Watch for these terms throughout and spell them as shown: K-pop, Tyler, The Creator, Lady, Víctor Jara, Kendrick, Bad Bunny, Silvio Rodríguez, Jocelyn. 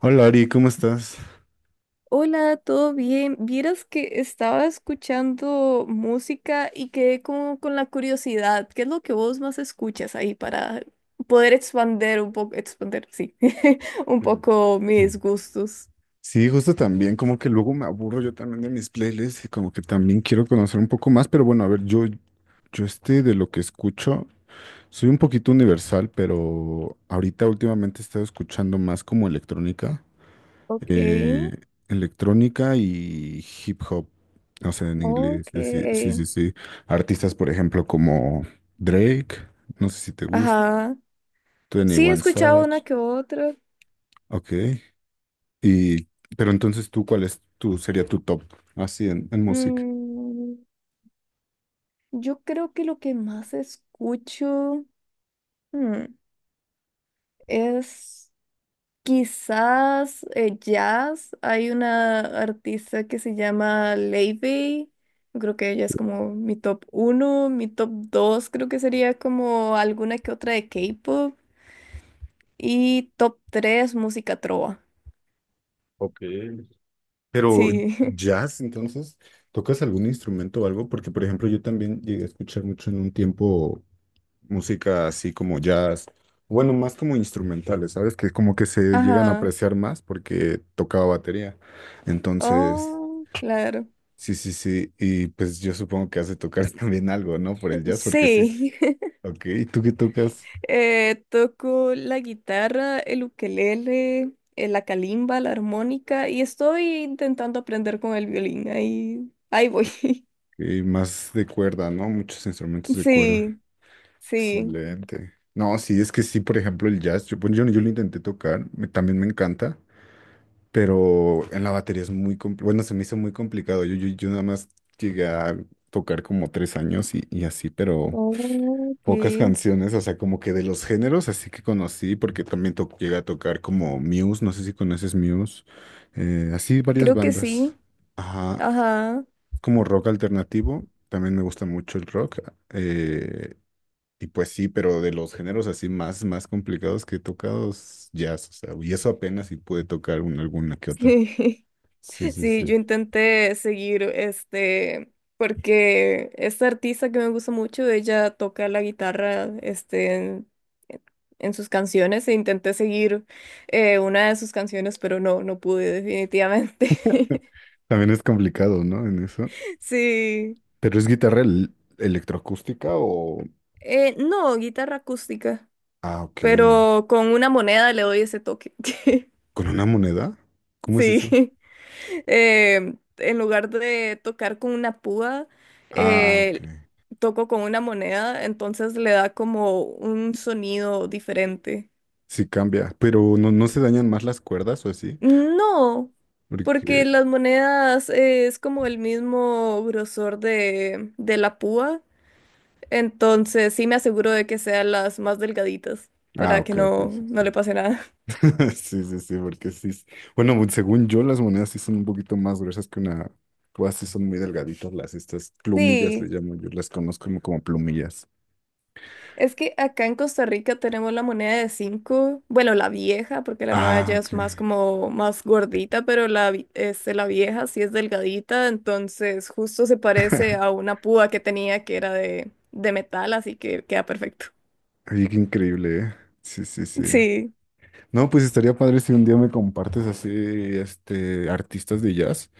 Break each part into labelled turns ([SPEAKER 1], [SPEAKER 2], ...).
[SPEAKER 1] Hola Ari, ¿cómo estás?
[SPEAKER 2] Hola, ¿todo bien? Vieras que estaba escuchando música y quedé como con la curiosidad. ¿Qué es lo que vos más escuchas ahí para poder expander un poco, expander, sí, un poco mis
[SPEAKER 1] Mm.
[SPEAKER 2] gustos?
[SPEAKER 1] Sí, justo también, como que luego me aburro yo también de mis playlists y como que también quiero conocer un poco más, pero bueno, a ver, yo este de lo que escucho, soy un poquito universal, pero ahorita últimamente he estado escuchando más como electrónica,
[SPEAKER 2] Ok,
[SPEAKER 1] eh, electrónica y hip hop, o sea, en inglés,
[SPEAKER 2] ok.
[SPEAKER 1] sí, sí, sí, sí. Artistas, por ejemplo, como Drake, no sé si te gusta,
[SPEAKER 2] Ajá.
[SPEAKER 1] Twenty
[SPEAKER 2] Sí, he
[SPEAKER 1] One
[SPEAKER 2] escuchado una
[SPEAKER 1] Savage,
[SPEAKER 2] que otra.
[SPEAKER 1] ok. Y, pero entonces tú, ¿cuál sería tu top así en música?
[SPEAKER 2] Mm, yo creo que lo que más escucho, mm, es... Quizás jazz. Hay una artista que se llama Lady. Creo que ella es como mi top uno. Mi top dos, creo que sería como alguna que otra de K-pop. Y top tres, música trova.
[SPEAKER 1] Ok. Pero
[SPEAKER 2] Sí.
[SPEAKER 1] jazz, entonces, ¿tocas algún instrumento o algo? Porque, por ejemplo, yo también llegué a escuchar mucho en un tiempo música así como jazz, bueno, más como instrumentales, ¿sabes? Que como que se llegan a
[SPEAKER 2] Ajá.
[SPEAKER 1] apreciar más porque tocaba batería. Entonces,
[SPEAKER 2] Oh, claro.
[SPEAKER 1] sí, sí, sí, y pues yo supongo que has de tocar también algo, ¿no? Por el jazz, porque sí,
[SPEAKER 2] Sí.
[SPEAKER 1] ok, ¿y tú qué tocas?
[SPEAKER 2] Toco la guitarra, el ukelele, la calimba, la armónica y estoy intentando aprender con el violín. Ahí voy.
[SPEAKER 1] Y más de cuerda, ¿no? Muchos instrumentos de cuerda.
[SPEAKER 2] Sí, sí.
[SPEAKER 1] Excelente. No, sí, es que sí, por ejemplo, el jazz, yo, pues, yo lo intenté tocar, también me encanta, pero en la batería es muy complicado, bueno, se me hizo muy complicado, yo nada más llegué a tocar como 3 años y así, pero
[SPEAKER 2] Ok,
[SPEAKER 1] pocas canciones, o sea, como que de los géneros, así que conocí, porque también llegué a tocar como Muse, no sé si conoces Muse, así varias
[SPEAKER 2] creo que
[SPEAKER 1] bandas.
[SPEAKER 2] sí.
[SPEAKER 1] Ajá,
[SPEAKER 2] Ajá.
[SPEAKER 1] como rock alternativo, también me gusta mucho el rock. eh, y pues sí, pero de los géneros así más, más complicados que he tocado es jazz, o sea, y eso apenas si pude tocar alguna que otra.
[SPEAKER 2] Sí,
[SPEAKER 1] Sí, sí,
[SPEAKER 2] sí, yo
[SPEAKER 1] sí.
[SPEAKER 2] intenté seguir porque esta artista que me gusta mucho, ella toca la guitarra en sus canciones e intenté seguir una de sus canciones, pero no, no pude definitivamente.
[SPEAKER 1] También es complicado, ¿no? En eso.
[SPEAKER 2] Sí.
[SPEAKER 1] ¿Pero es guitarra electroacústica o...?
[SPEAKER 2] No, guitarra acústica,
[SPEAKER 1] Ah, ok.
[SPEAKER 2] pero con una moneda le doy ese toque.
[SPEAKER 1] ¿Con una moneda? ¿Cómo es eso?
[SPEAKER 2] Sí. En lugar de tocar con una púa,
[SPEAKER 1] Ah, ok.
[SPEAKER 2] eh, toco con una moneda, entonces le da como un sonido diferente.
[SPEAKER 1] Sí cambia, pero no, no se dañan más las cuerdas o así,
[SPEAKER 2] No, porque
[SPEAKER 1] porque...
[SPEAKER 2] las monedas es como el mismo grosor de la púa, entonces sí me aseguro de que sean las más delgaditas
[SPEAKER 1] Ah,
[SPEAKER 2] para que
[SPEAKER 1] ok, ok,
[SPEAKER 2] no,
[SPEAKER 1] sí,
[SPEAKER 2] no
[SPEAKER 1] sí.
[SPEAKER 2] le pase nada.
[SPEAKER 1] Sí, sí, sí, porque sí. Bueno, según yo, las monedas sí son un poquito más gruesas que una. Pues sí son muy delgaditas estas plumillas le
[SPEAKER 2] Sí.
[SPEAKER 1] llamo yo, las conozco como plumillas.
[SPEAKER 2] Es que acá en Costa Rica tenemos la moneda de 5, bueno, la vieja, porque la nueva
[SPEAKER 1] Ah,
[SPEAKER 2] ya
[SPEAKER 1] ok.
[SPEAKER 2] es más como más gordita, pero la vieja sí es delgadita, entonces justo se parece a una púa que tenía que era de metal, así que queda perfecto.
[SPEAKER 1] Oye, qué increíble, ¿eh? Sí, sí, sí.
[SPEAKER 2] Sí,
[SPEAKER 1] No, pues estaría padre si un día me compartes así, este, artistas de jazz,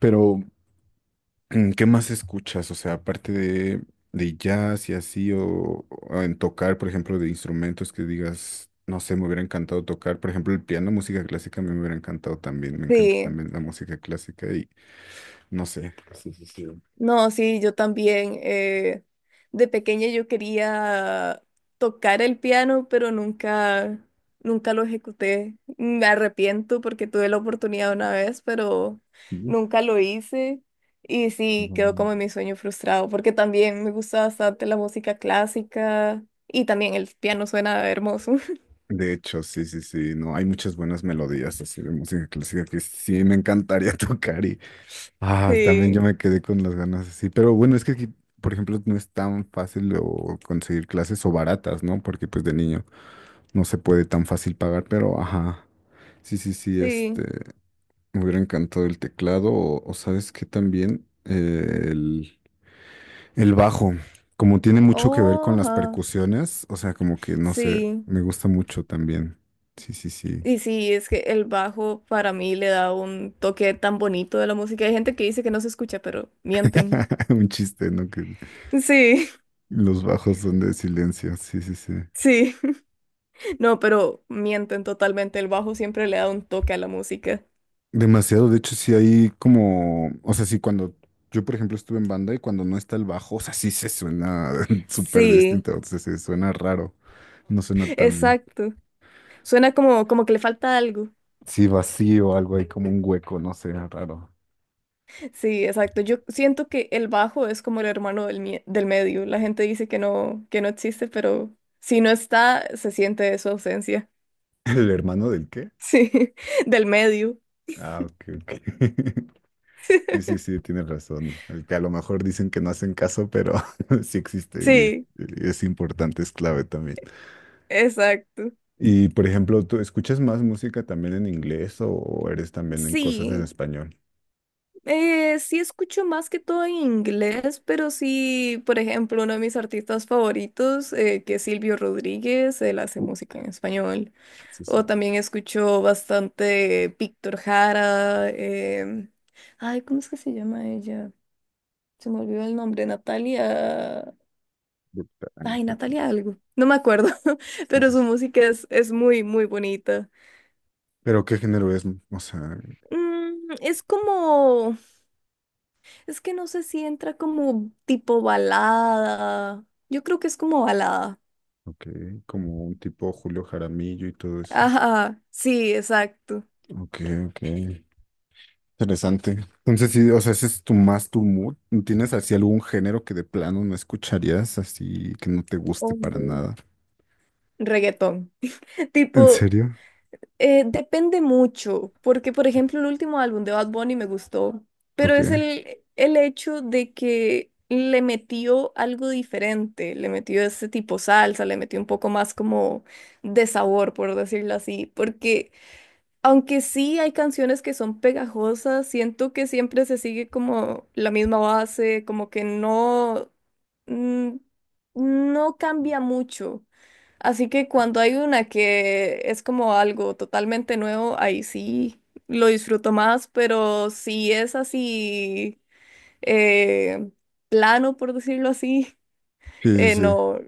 [SPEAKER 1] pero ¿qué más escuchas? O sea, aparte de jazz y así, o en tocar, por ejemplo, de instrumentos que digas, no sé, me hubiera encantado tocar. Por ejemplo, el piano, música clásica, a mí me hubiera encantado también. Me encanta
[SPEAKER 2] sí.
[SPEAKER 1] también la música clásica y no sé. Sí, sí, sí.
[SPEAKER 2] No, sí, yo también. De pequeña yo quería tocar el piano, pero nunca lo ejecuté. Me arrepiento porque tuve la oportunidad una vez, pero
[SPEAKER 1] Sí,
[SPEAKER 2] nunca lo hice. Y sí,
[SPEAKER 1] no,
[SPEAKER 2] quedó como mi sueño frustrado, porque también me gusta bastante la música clásica y también el piano suena hermoso.
[SPEAKER 1] de hecho, sí, sí, sí, no, hay muchas buenas melodías así de música clásica que sí me encantaría tocar. Ah, también yo
[SPEAKER 2] Sí,
[SPEAKER 1] me quedé con las ganas así. Pero bueno, es que aquí, por ejemplo, no es tan fácil o conseguir clases o baratas, ¿no? Porque pues de niño no se puede tan fácil pagar, pero ajá. Sí, sí, sí,
[SPEAKER 2] sí.
[SPEAKER 1] este, me hubiera encantado el teclado o sabes que también el bajo, como tiene mucho que ver
[SPEAKER 2] Oh,
[SPEAKER 1] con las
[SPEAKER 2] ajá.
[SPEAKER 1] percusiones, o sea, como que no sé,
[SPEAKER 2] Sí.
[SPEAKER 1] me gusta mucho también. Sí, sí, sí.
[SPEAKER 2] Y sí, es que el bajo para mí le da un toque tan bonito de la música. Hay gente que dice que no se escucha, pero mienten.
[SPEAKER 1] Un chiste, ¿no? Que
[SPEAKER 2] Sí,
[SPEAKER 1] los bajos son de silencio. Sí, sí, sí.
[SPEAKER 2] sí, no, pero mienten totalmente. El bajo siempre le da un toque a la música.
[SPEAKER 1] Demasiado, de hecho, sí hay como, o sea, sí, cuando yo, por ejemplo, estuve en banda y cuando no está el bajo, o sea, sí se suena súper
[SPEAKER 2] Sí,
[SPEAKER 1] distinto, o sea, se suena raro, no suena tan bien.
[SPEAKER 2] exacto. Suena como que le falta algo.
[SPEAKER 1] Sí, vacío, algo ahí como un hueco, no sé, raro.
[SPEAKER 2] Sí, exacto. Yo siento que el bajo es como el hermano del medio. La gente dice que no existe, pero si no está, se siente su ausencia.
[SPEAKER 1] ¿El hermano del qué?
[SPEAKER 2] Sí, del medio.
[SPEAKER 1] Ah, ok, ok. Sí, sí, sí, tienes razón. El que a lo mejor dicen que no hacen caso, pero sí existe y es,
[SPEAKER 2] Sí,
[SPEAKER 1] es importante, es clave también.
[SPEAKER 2] exacto.
[SPEAKER 1] Y, por ejemplo, ¿tú escuchas más música también en inglés o eres también en cosas en
[SPEAKER 2] Sí,
[SPEAKER 1] español?
[SPEAKER 2] sí escucho más que todo en inglés, pero sí, por ejemplo, uno de mis artistas favoritos, que es Silvio Rodríguez, él hace música en español.
[SPEAKER 1] Sí,
[SPEAKER 2] O
[SPEAKER 1] sí.
[SPEAKER 2] también escucho bastante Víctor Jara. Ay, ¿cómo es que se llama ella? Se me olvidó el nombre, Natalia.
[SPEAKER 1] Brutal, ¿no es
[SPEAKER 2] Ay,
[SPEAKER 1] cierto? No
[SPEAKER 2] Natalia
[SPEAKER 1] sé.
[SPEAKER 2] algo. No me acuerdo,
[SPEAKER 1] Sí,
[SPEAKER 2] pero
[SPEAKER 1] sí,
[SPEAKER 2] su
[SPEAKER 1] sí.
[SPEAKER 2] música es muy, muy bonita.
[SPEAKER 1] Pero ¿qué género es? O sea,
[SPEAKER 2] Es como. Es que no sé si entra como tipo balada. Yo creo que es como balada.
[SPEAKER 1] ok, como un tipo Julio Jaramillo y todo eso.
[SPEAKER 2] Ajá, sí, exacto.
[SPEAKER 1] Ok, ok. Interesante. Entonces, sí, o sea, ese es tu más tu mood. ¿Tienes así algún género que de plano no escucharías, así que no te guste para
[SPEAKER 2] O
[SPEAKER 1] nada?
[SPEAKER 2] reggaetón.
[SPEAKER 1] ¿En
[SPEAKER 2] Tipo,
[SPEAKER 1] serio?
[SPEAKER 2] depende mucho, porque por ejemplo el último álbum de Bad Bunny me gustó, pero
[SPEAKER 1] Ok.
[SPEAKER 2] es el hecho de que le metió algo diferente, le metió ese tipo salsa, le metió un poco más como de sabor, por decirlo así, porque aunque sí hay canciones que son pegajosas, siento que siempre se sigue como la misma base, como que no, mm, no cambia mucho. Así que cuando hay una que es como algo totalmente nuevo, ahí sí lo disfruto más, pero si es así eh, plano, por decirlo así,
[SPEAKER 1] Sí, sí, sí.
[SPEAKER 2] no,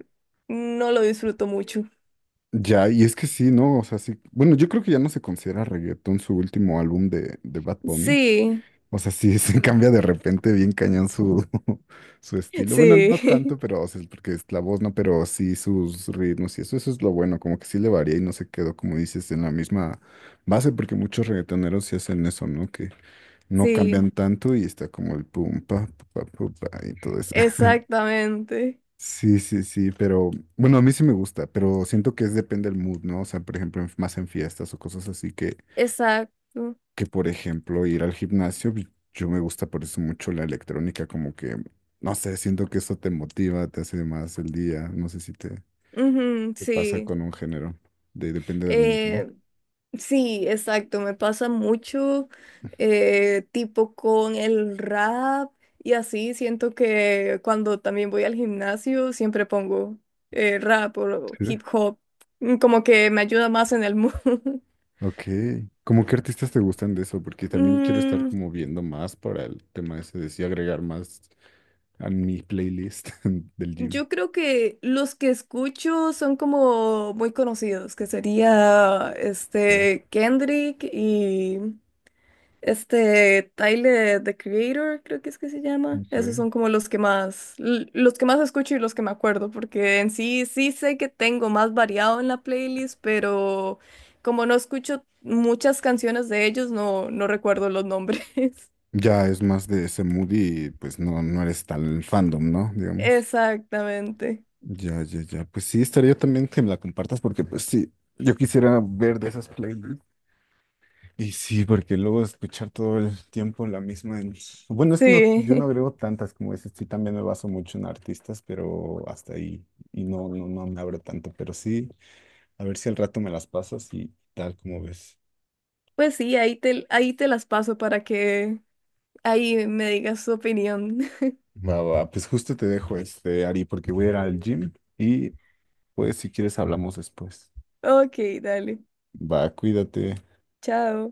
[SPEAKER 2] no lo disfruto mucho.
[SPEAKER 1] Ya, y es que sí, ¿no? O sea, sí. Bueno, yo creo que ya no se considera reggaetón su último álbum de Bad Bunny.
[SPEAKER 2] Sí,
[SPEAKER 1] O sea, sí, se cambia de repente bien cañón su, su estilo. Bueno, no
[SPEAKER 2] sí,
[SPEAKER 1] tanto, pero, o sea, porque es la voz, ¿no? Pero sí sus ritmos y eso es lo bueno, como que sí le varía y no se quedó, como dices, en la misma base, porque muchos reggaetoneros sí hacen eso, ¿no? Que no
[SPEAKER 2] sí,
[SPEAKER 1] cambian tanto y está como el pum, pa, pa, pa, pa, y todo eso.
[SPEAKER 2] exactamente.
[SPEAKER 1] Sí, sí, sí, pero bueno, a mí sí me gusta, pero siento que es depende del mood, ¿no? O sea, por ejemplo, más en fiestas o cosas así que
[SPEAKER 2] Exacto.
[SPEAKER 1] por ejemplo, ir al gimnasio, pues, yo me gusta por eso mucho la electrónica, como que, no sé, siento que eso te motiva, te hace más el día, no sé si te,
[SPEAKER 2] Ujú,
[SPEAKER 1] te pasa
[SPEAKER 2] sí.
[SPEAKER 1] con un género, depende del mood, ¿no?
[SPEAKER 2] Eh, sí, exacto. Me pasa mucho, tipo con el rap y así. Siento que cuando también voy al gimnasio siempre pongo rap o
[SPEAKER 1] Sí.
[SPEAKER 2] hip hop. Como que me ayuda más en el mood.
[SPEAKER 1] Ok, ¿cómo qué artistas te gustan de eso? Porque también quiero estar
[SPEAKER 2] Mm,
[SPEAKER 1] como viendo más para el tema ese de sí agregar más a mi playlist del gym.
[SPEAKER 2] yo creo que los que escucho son como muy conocidos, que sería
[SPEAKER 1] ¿Verdad?
[SPEAKER 2] Kendrick. Tyler, The Creator, creo que es que se llama.
[SPEAKER 1] Ok.
[SPEAKER 2] Esos son como los que más, los que más escucho y los que me acuerdo, porque en sí, sí sé que tengo más variado en la playlist, pero como no escucho muchas canciones de ellos, no, no recuerdo los nombres.
[SPEAKER 1] Ya es más de ese mood y pues no, no eres tan fandom, ¿no? Digamos.
[SPEAKER 2] Exactamente.
[SPEAKER 1] Ya, ya, ya. Pues sí, estaría también que me la compartas porque pues sí, yo quisiera ver de esas playlists. Y sí, porque luego escuchar todo el tiempo la misma. Bueno, es que no, yo no
[SPEAKER 2] Sí.
[SPEAKER 1] agrego tantas como dices, sí, también me baso mucho en artistas, pero hasta ahí. Y no, no, no me abro tanto, pero sí, a ver si al rato me las pasas y tal como ves.
[SPEAKER 2] Pues sí, ahí te las paso para que ahí me digas tu opinión.
[SPEAKER 1] Va, va, pues justo te dejo este, Ari, porque voy a ir al gym y pues si quieres hablamos después.
[SPEAKER 2] Ok, dale.
[SPEAKER 1] Va, cuídate.
[SPEAKER 2] Chao.